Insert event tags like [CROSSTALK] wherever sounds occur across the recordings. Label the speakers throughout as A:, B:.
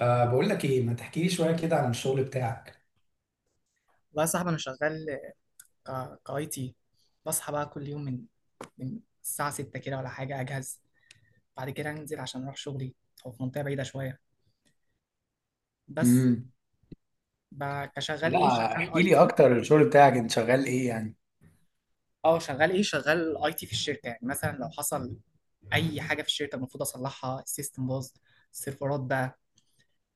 A: بقول لك ايه، ما تحكي لي شويه كده عن الشغل بتاعك؟
B: والله يا صاحبي انا شغال. كاي تي. بصحى بقى كل يوم من الساعه 6 كده ولا حاجه، اجهز بعد كده انزل عشان اروح شغلي. هو في منطقه بعيده شويه، بس
A: امم.
B: كشغال ايه؟
A: لا،
B: شغال
A: احكي
B: اي
A: لي
B: تي.
A: اكتر، الشغل بتاعك انت شغال ايه يعني؟
B: اه شغال ايه؟ شغال اي تي في الشركه، يعني مثلا لو حصل اي حاجه في الشركه المفروض اصلحها. السيستم باظ، السيرفرات بقى،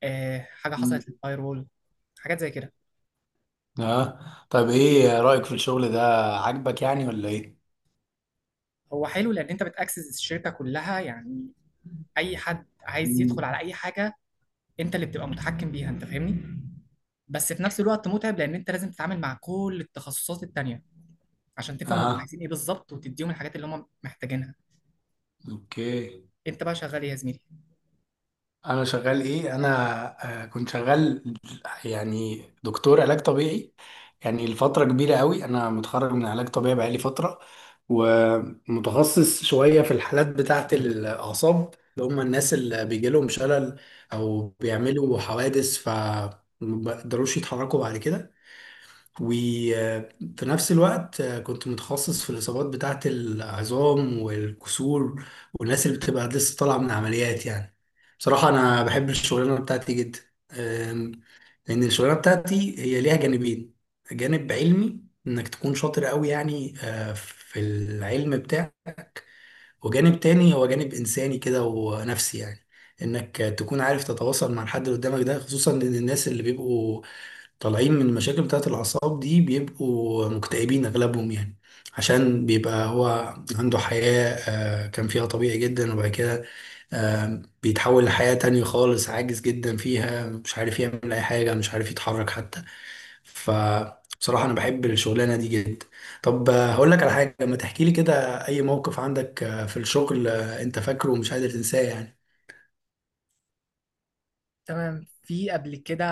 B: حاجه
A: مم.
B: حصلت للفاير وول، حاجات زي كده.
A: اه، طيب ايه رأيك في الشغل ده؟ عاجبك يعني ولا ايه؟
B: هو حلو لان انت بتاكسس الشركه كلها، يعني اي حد عايز يدخل
A: مم.
B: على اي حاجه انت اللي بتبقى متحكم بيها. انت فاهمني؟ بس في نفس الوقت متعب، لان انت لازم تتعامل مع كل التخصصات التانية عشان تفهم هم
A: اه،
B: عايزين ايه بالظبط وتديهم الحاجات اللي هم محتاجينها.
A: اوكي.
B: انت بقى شغال إيه يا زميلي؟
A: انا شغال ايه؟ انا كنت شغال يعني دكتور علاج طبيعي. يعني لفتره كبيره قوي، انا متخرج من علاج طبيعي بقالي فتره ومتخصص شويه في الحالات بتاعه الاعصاب اللي هم الناس اللي بيجي لهم شلل او بيعملوا حوادث فما بيقدروش يتحركوا بعد كده. وفي نفس الوقت كنت متخصص في الإصابات بتاعة العظام والكسور والناس اللي بتبقى لسه طالعة من عمليات يعني. بصراحة أنا بحب الشغلانة بتاعتي جدا. آم، لأن الشغلانة بتاعتي هي ليها جانبين: جانب علمي، إنك تكون شاطر قوي يعني في العلم بتاعك، وجانب تاني هو جانب إنساني كده ونفسي يعني، إنك تكون عارف تتواصل مع الحد اللي قدامك ده. خصوصا إن الناس اللي بيبقوا طالعين من المشاكل بتاعة الأعصاب دي بيبقوا مكتئبين أغلبهم يعني، عشان بيبقى هو عنده حياة كان فيها طبيعي جدا وبعد كده بيتحول لحياة تانية خالص عاجز جدا فيها، مش عارف يعمل أي حاجة، مش عارف يتحرك حتى. فبصراحة أنا بحب الشغلانة دي جدا. طب هقول لك على حاجة، ما تحكي لي كده أي موقف عندك في الشغل أنت فاكره ومش قادر تنساه يعني.
B: تمام. في قبل كده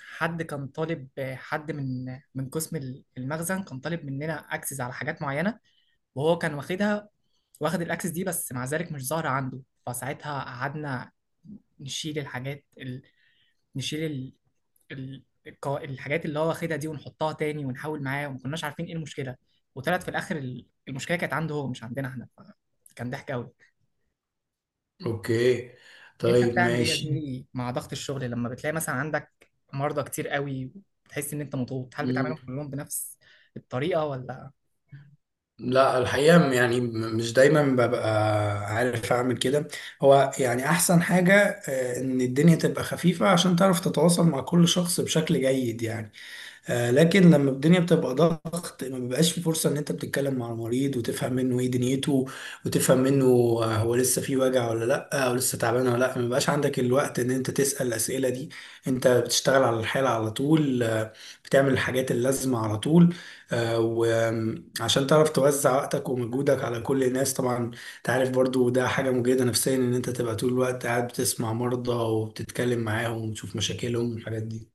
B: حد كان طالب، حد من قسم المخزن كان طالب مننا اكسس على حاجات معينة، وهو كان واخدها، واخد الاكسس دي، بس مع ذلك مش ظاهرة عنده. فساعتها قعدنا نشيل الحاجات نشيل الحاجات اللي هو واخدها دي ونحطها تاني ونحاول معاه، وما كناش عارفين ايه المشكله. وطلعت في الاخر المشكله كانت عنده هو، مش عندنا احنا. كان ضحك قوي.
A: أوكي،
B: انت
A: طيب
B: بتعمل ايه يا
A: ماشي.
B: زميلي مع ضغط الشغل لما بتلاقي مثلا عندك مرضى كتير قوي وتحس ان انت مضغوط؟ هل
A: مم.
B: بتعاملهم كلهم بنفس الطريقه ولا
A: لا، الحقيقة يعني مش دايما ببقى عارف أعمل كده. هو يعني أحسن حاجة إن الدنيا تبقى خفيفة عشان تعرف تتواصل مع كل شخص بشكل جيد يعني. لكن لما الدنيا بتبقى ضغط ما بيبقاش في فرصة ان انت بتتكلم مع المريض وتفهم منه ايه دنيته وتفهم منه هو لسه في وجع ولا لا او لسه تعبان ولا لا. ما بيبقاش عندك الوقت ان انت تسأل الأسئلة دي، انت بتشتغل على الحالة على طول. بتعمل الحاجات اللازمة على طول. وعشان تعرف توزع وقتك ومجهودك على كل الناس طبعا. انت عارف برضو ده حاجة مجهدة نفسيا ان انت تبقى طول الوقت قاعد بتسمع مرضى وبتتكلم معاهم وتشوف مشاكلهم والحاجات دي.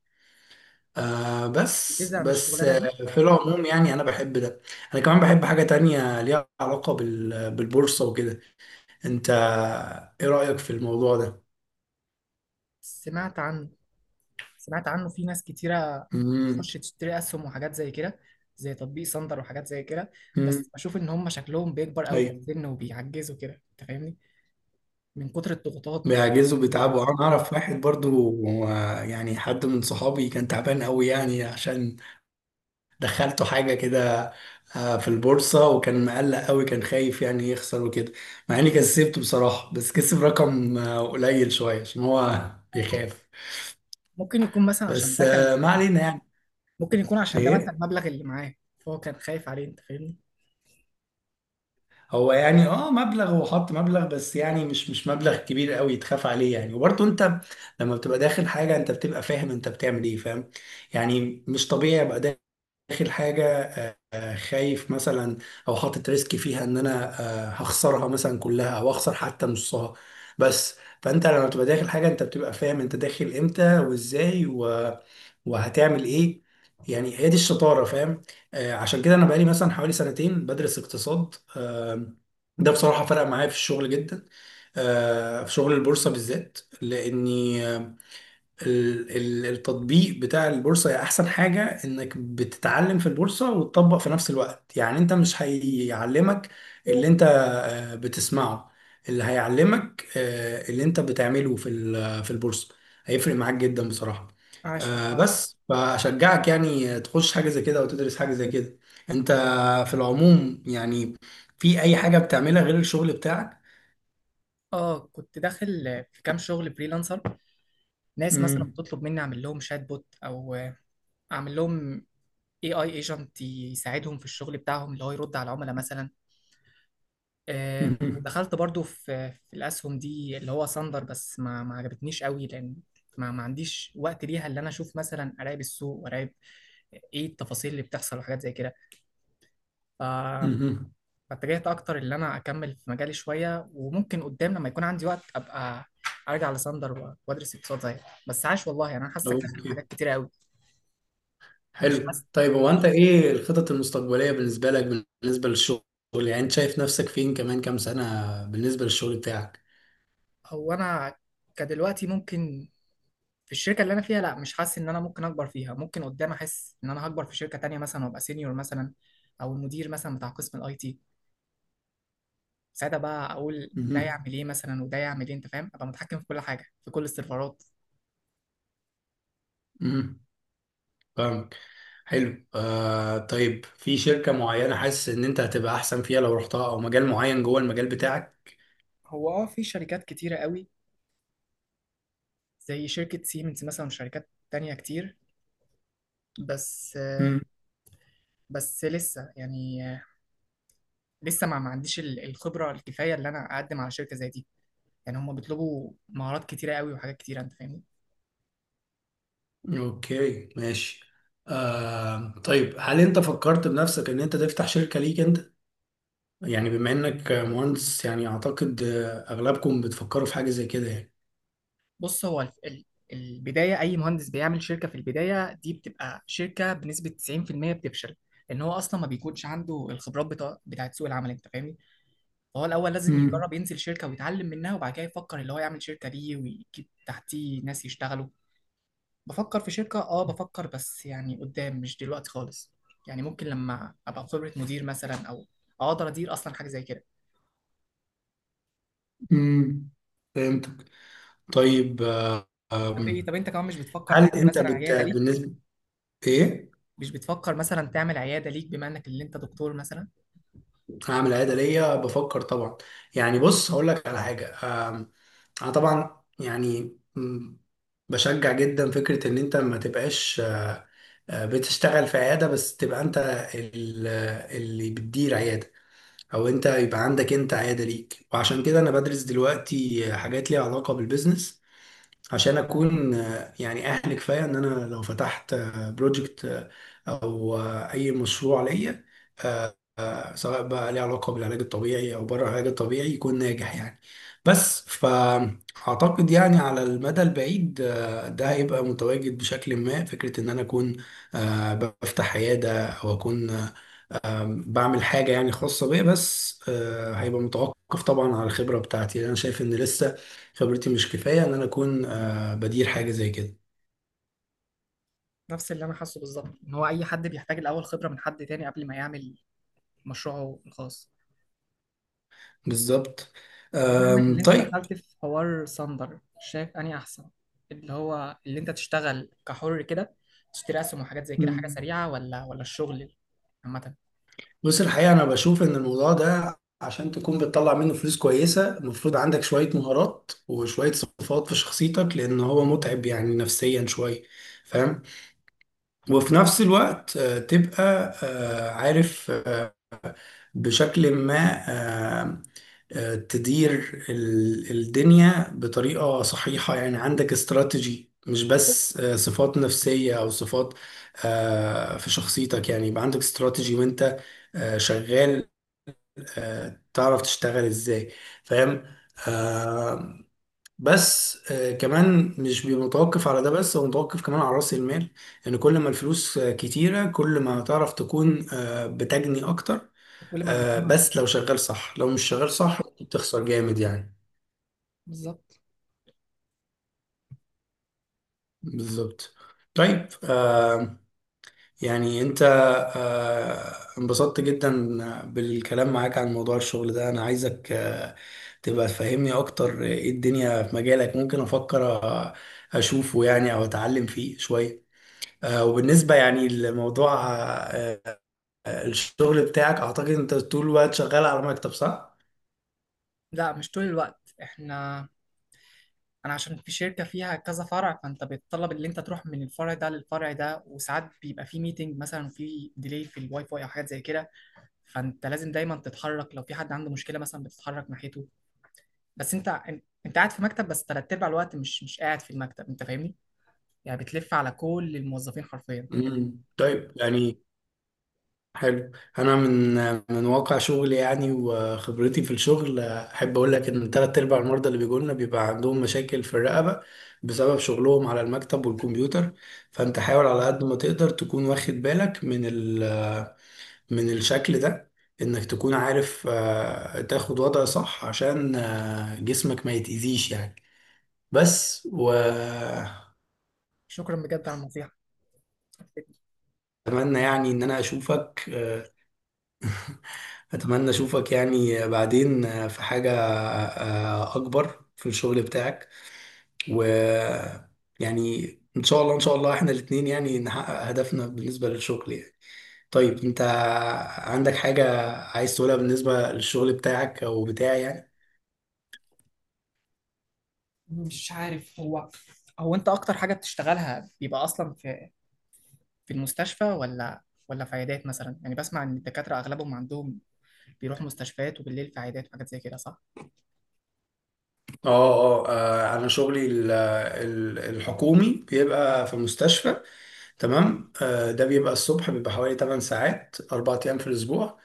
A: بس
B: بتزهق من
A: بس
B: الشغلانه دي؟
A: في العموم يعني انا بحب ده. انا كمان بحب حاجة تانية ليها علاقة بالبورصة وكده. انت ايه رأيك في الموضوع ده؟
B: سمعت عنه، سمعت عنه. في ناس كتيره
A: امم.
B: بتخش تشتري اسهم وحاجات زي كده، زي تطبيق صندر وحاجات زي كده.
A: امم.
B: بس بشوف ان هم شكلهم بيكبر قوي في
A: ايوه.
B: السن وبيعجزوا كده. انت فاهمني؟ من كتر الضغوطات
A: بيعجزوا
B: والجوع.
A: بيتعبوا، انا اعرف واحد برضو، هو يعني حد من صحابي كان تعبان قوي يعني عشان دخلته حاجة كده في البورصة، وكان مقلق قوي، كان خايف يعني يخسر وكده. مع اني كسبته بصراحة بس كسب رقم قليل شوية عشان هو بيخاف.
B: ممكن يكون مثلا عشان
A: بس
B: ده كان،
A: ما علينا يعني.
B: ممكن يكون عشان ده مثلا
A: ايه،
B: المبلغ اللي معاه، فهو كان خايف عليه. انت فاهمني؟
A: هو يعني اه مبلغ، هو حط مبلغ بس يعني مش مبلغ كبير قوي تخاف عليه يعني. وبرضه انت لما بتبقى داخل حاجه انت بتبقى فاهم انت بتعمل ايه، فاهم؟ يعني مش طبيعي ابقى داخل حاجه خايف مثلا او حاطط ريسك فيها ان انا هخسرها مثلا كلها او اخسر حتى نصها. بس فانت لما بتبقى داخل حاجه انت بتبقى فاهم انت داخل امتى وازاي وهتعمل ايه. يعني هي دي الشطاره، فاهم؟ عشان كده انا بقالي مثلا حوالي سنتين بدرس اقتصاد. ده بصراحه فرق معايا في الشغل جدا. في شغل البورصه بالذات لاني التطبيق بتاع البورصة هي أحسن حاجة، إنك بتتعلم في البورصة وتطبق في نفس الوقت يعني. أنت مش هيعلمك اللي أنت بتسمعه، اللي هيعلمك اللي أنت بتعمله في في البورصة، هيفرق معاك جدا بصراحة.
B: عاش والله.
A: بس فأشجعك يعني تخش حاجة زي كده وتدرس حاجة زي كده. أنت في العموم يعني، في أي حاجة بتعملها غير الشغل بتاعك؟
B: اه كنت داخل في كام شغل فريلانسر. ناس مثلا
A: مم.
B: بتطلب مني اعمل لهم شات بوت، او اعمل لهم اي اي ايجنت يساعدهم في الشغل بتاعهم، اللي هو يرد على العملاء مثلا.
A: [LAUGHS] مم.
B: دخلت برضو في الاسهم دي اللي هو صندر، بس ما عجبتنيش قوي، لان ما عنديش وقت ليها، اللي انا اشوف مثلا اراقب السوق واراقب ايه التفاصيل اللي بتحصل وحاجات زي كده.
A: مم.
B: فاتجهت
A: مم.
B: اكتر ان انا اكمل في مجالي شويه، وممكن قدام لما يكون عندي وقت ابقى ارجع لساندر وادرس اقتصاد زيك. بس عاش والله، يعني انا حاسك داخل في
A: أوكي،
B: حاجات كتيره قوي. مش
A: حلو.
B: حاسس.
A: طيب هو انت ايه الخطط المستقبلية بالنسبة لك بالنسبة للشغل؟ يعني انت شايف نفسك فين كمان كام سنة بالنسبة للشغل بتاعك؟
B: هو انا كدلوقتي ممكن، في الشركه اللي انا فيها لا، مش حاسس ان انا ممكن اكبر فيها. ممكن قدام احس ان انا هكبر في شركه تانية مثلا وابقى سينيور مثلا، او المدير مثلا بتاع قسم الاي تي. ساعتها بقى اقول ده
A: مهم.
B: يعمل ايه مثلا وده يعمل ايه، انت فاهم؟ ابقى متحكم في كل حاجه، في كل السيرفرات.
A: مهم. فاهمك. حلو آه، طيب في شركة معينة حاسس ان انت هتبقى احسن فيها لو رحتها، او مجال معين جوه المجال بتاعك؟
B: هو اه في شركات كتيره قوي، زي شركة سيمنز مثلا وشركات تانية كتير. بس
A: مم.
B: لسه يعني، لسه ما عنديش الخبرة الكفاية اللي أنا أقدم على شركة زي دي. يعني هم بيطلبوا مهارات كتيرة قوي وحاجات كتيرة، أنت فاهمني؟
A: اوكي، ماشي. آه طيب، هل انت فكرت بنفسك ان انت تفتح شركة ليك انت؟ يعني بما انك مهندس يعني اعتقد اغلبكم بتفكروا في حاجة زي كده
B: بص، هو البداية أي مهندس بيعمل شركة في البداية دي بتبقى شركة بنسبة 90% بتفشل، لأن هو أصلا ما بيكونش عنده الخبرات بتاع بتاعت سوق العمل. أنت فاهمني؟ فهو الأول لازم
A: يعني.
B: يجرب ينزل شركة ويتعلم منها، وبعد كده يفكر اللي هو يعمل شركة ليه ويجيب تحتيه ناس يشتغلوا. بفكر في شركة، اه بفكر، بس يعني قدام، مش دلوقتي خالص. يعني ممكن لما ابقى خبرة مدير مثلا، او اقدر ادير اصلا حاجة زي كده.
A: امم. فهمتك. طيب
B: طب ايه،
A: آم،
B: طب انت كمان مش بتفكر
A: هل
B: تعمل
A: انت
B: مثلا عيادة ليك؟
A: بالنسبه ايه؟
B: مش بتفكر مثلا تعمل عيادة ليك بما انك اللي انت دكتور مثلا؟
A: هعمل عاده ليا، بفكر طبعا. يعني بص هقول لك على حاجه. آم، انا طبعا يعني بشجع جدا فكره ان انت ما تبقاش بتشتغل في عياده، بس تبقى انت اللي بتدير عياده او انت يبقى عندك انت عياده ليك. وعشان كده انا بدرس دلوقتي حاجات ليها علاقه بالبيزنس، عشان اكون يعني اهل كفايه ان انا لو فتحت بروجكت او اي مشروع ليا، آه، سواء بقى ليه علاقه بالعلاج الطبيعي او بره العلاج الطبيعي، يكون ناجح يعني. بس فاعتقد يعني على المدى البعيد ده هيبقى متواجد بشكل ما، فكره ان انا اكون بفتح عياده او اكون بعمل حاجة يعني خاصة بيا. بس هيبقى متوقف طبعا على الخبرة بتاعتي، لأن أنا شايف إن لسه خبرتي مش كفاية إن أنا أكون بدير حاجة زي كده.
B: نفس اللي انا حاسه بالظبط، ان هو اي حد بيحتاج الاول خبرة من حد تاني قبل ما يعمل مشروعه الخاص.
A: بالظبط.
B: طب بما انك اللي انت
A: طيب.
B: دخلت في حوار صندر، شايف اني احسن اللي هو اللي انت تشتغل كحر كده، تشتري اسهم وحاجات زي كده حاجة
A: مم.
B: سريعة، ولا الشغل عامة؟
A: بص الحقيقة أنا بشوف إن الموضوع ده، عشان تكون بتطلع منه فلوس كويسة، المفروض عندك شوية مهارات وشوية صفات في شخصيتك، لأن هو متعب يعني نفسيا شوية، فاهم؟
B: مم.
A: وفي نفس الوقت تبقى عارف بشكل ما آه، تدير الدنيا بطريقة صحيحة يعني. عندك استراتيجي، مش بس صفات نفسية أو صفات في شخصيتك يعني، يبقى عندك استراتيجي وأنت شغال تعرف تشتغل إزاي، فاهم؟ آه
B: مم.
A: بس كمان مش بيبقى متوقف على ده بس، هو متوقف كمان على رأس المال. لأن يعني كل ما الفلوس كتيرة كل ما تعرف تكون بتجني أكتر.
B: وكل ما المنظومة
A: بس لو
B: تزيد.
A: شغال صح، لو مش شغال صح ممكن تخسر جامد يعني.
B: بالظبط.
A: بالظبط. طيب يعني انت انبسطت جدا بالكلام معاك عن موضوع الشغل ده. انا عايزك تبقى تفهمني اكتر، ايه الدنيا في مجالك ممكن افكر اشوفه يعني او اتعلم فيه شوية. وبالنسبة يعني لموضوع آه الشغل بتاعك، اعتقد انت طول الوقت شغال على مكتب صح؟
B: لا مش طول الوقت، احنا انا عشان في شركة فيها كذا فرع، فانت بيتطلب ان انت تروح من الفرع ده للفرع ده، وساعات بيبقى في ميتنج مثلا في ديلي في الواي فاي او حاجات زي كده. فانت لازم دايما تتحرك، لو في حد عنده مشكلة مثلا بتتحرك ناحيته. بس انت، انت قاعد في مكتب، بس تلات ارباع الوقت مش قاعد في المكتب. انت فاهمني؟ يعني بتلف على كل الموظفين حرفيا.
A: مم. طيب يعني، حلو. انا من واقع شغلي يعني وخبرتي في الشغل، احب اقول لك ان ثلاث ارباع المرضى اللي بيجوا لنا بيبقى عندهم مشاكل في الرقبه بسبب شغلهم على المكتب والكمبيوتر. فانت حاول على قد ما تقدر تكون واخد بالك من من الشكل ده، انك تكون عارف تاخد وضع صح عشان جسمك ما يتأذيش يعني. بس واتمنى
B: شكرا بجد على النصيحة.
A: يعني ان انا اشوفك، أتمنى أشوفك يعني بعدين في حاجة أكبر في الشغل بتاعك. و يعني إن شاء الله إن شاء الله إحنا الاتنين يعني نحقق هدفنا بالنسبة للشغل يعني. طيب أنت عندك حاجة عايز تقولها بالنسبة للشغل بتاعك أو بتاعي يعني؟
B: مش عارف، هو، هو انت اكتر حاجة بتشتغلها بيبقى اصلا في المستشفى، ولا في عيادات مثلا؟ يعني بسمع ان الدكاترة اغلبهم عندهم بيروحوا مستشفيات وبالليل في عيادات وحاجات زي كده، صح؟
A: اه اه، انا شغلي الحكومي بيبقى في مستشفى. تمام، ده بيبقى الصبح، بيبقى حوالي 8 ساعات 4 ايام في الاسبوع،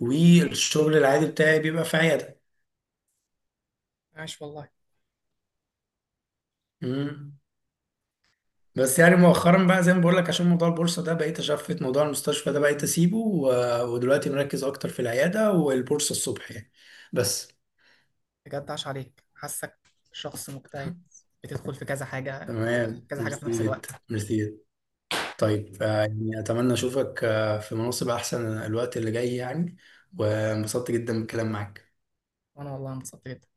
A: والشغل العادي بتاعي بيبقى في عيادة.
B: عاش والله.
A: مم. بس يعني مؤخرا بقى زي ما بقول لك عشان موضوع البورصه ده، بقيت اشفت موضوع المستشفى ده، بقيت اسيبه ودلوقتي مركز اكتر في العياده والبورصه الصبح يعني. بس.
B: بجد عاش عليك، حاسك شخص مجتهد،
A: [LAUGHS]
B: بتدخل في كذا حاجة،
A: تمام،
B: كذا حاجة في
A: ميرسي
B: نفس
A: جدا
B: الوقت.
A: ميرسي جدا. طيب يعني اتمنى اشوفك في مناصب احسن الوقت اللي جاي يعني. وانبسطت جدا بالكلام معاك.
B: وانا والله انبسطت جدا.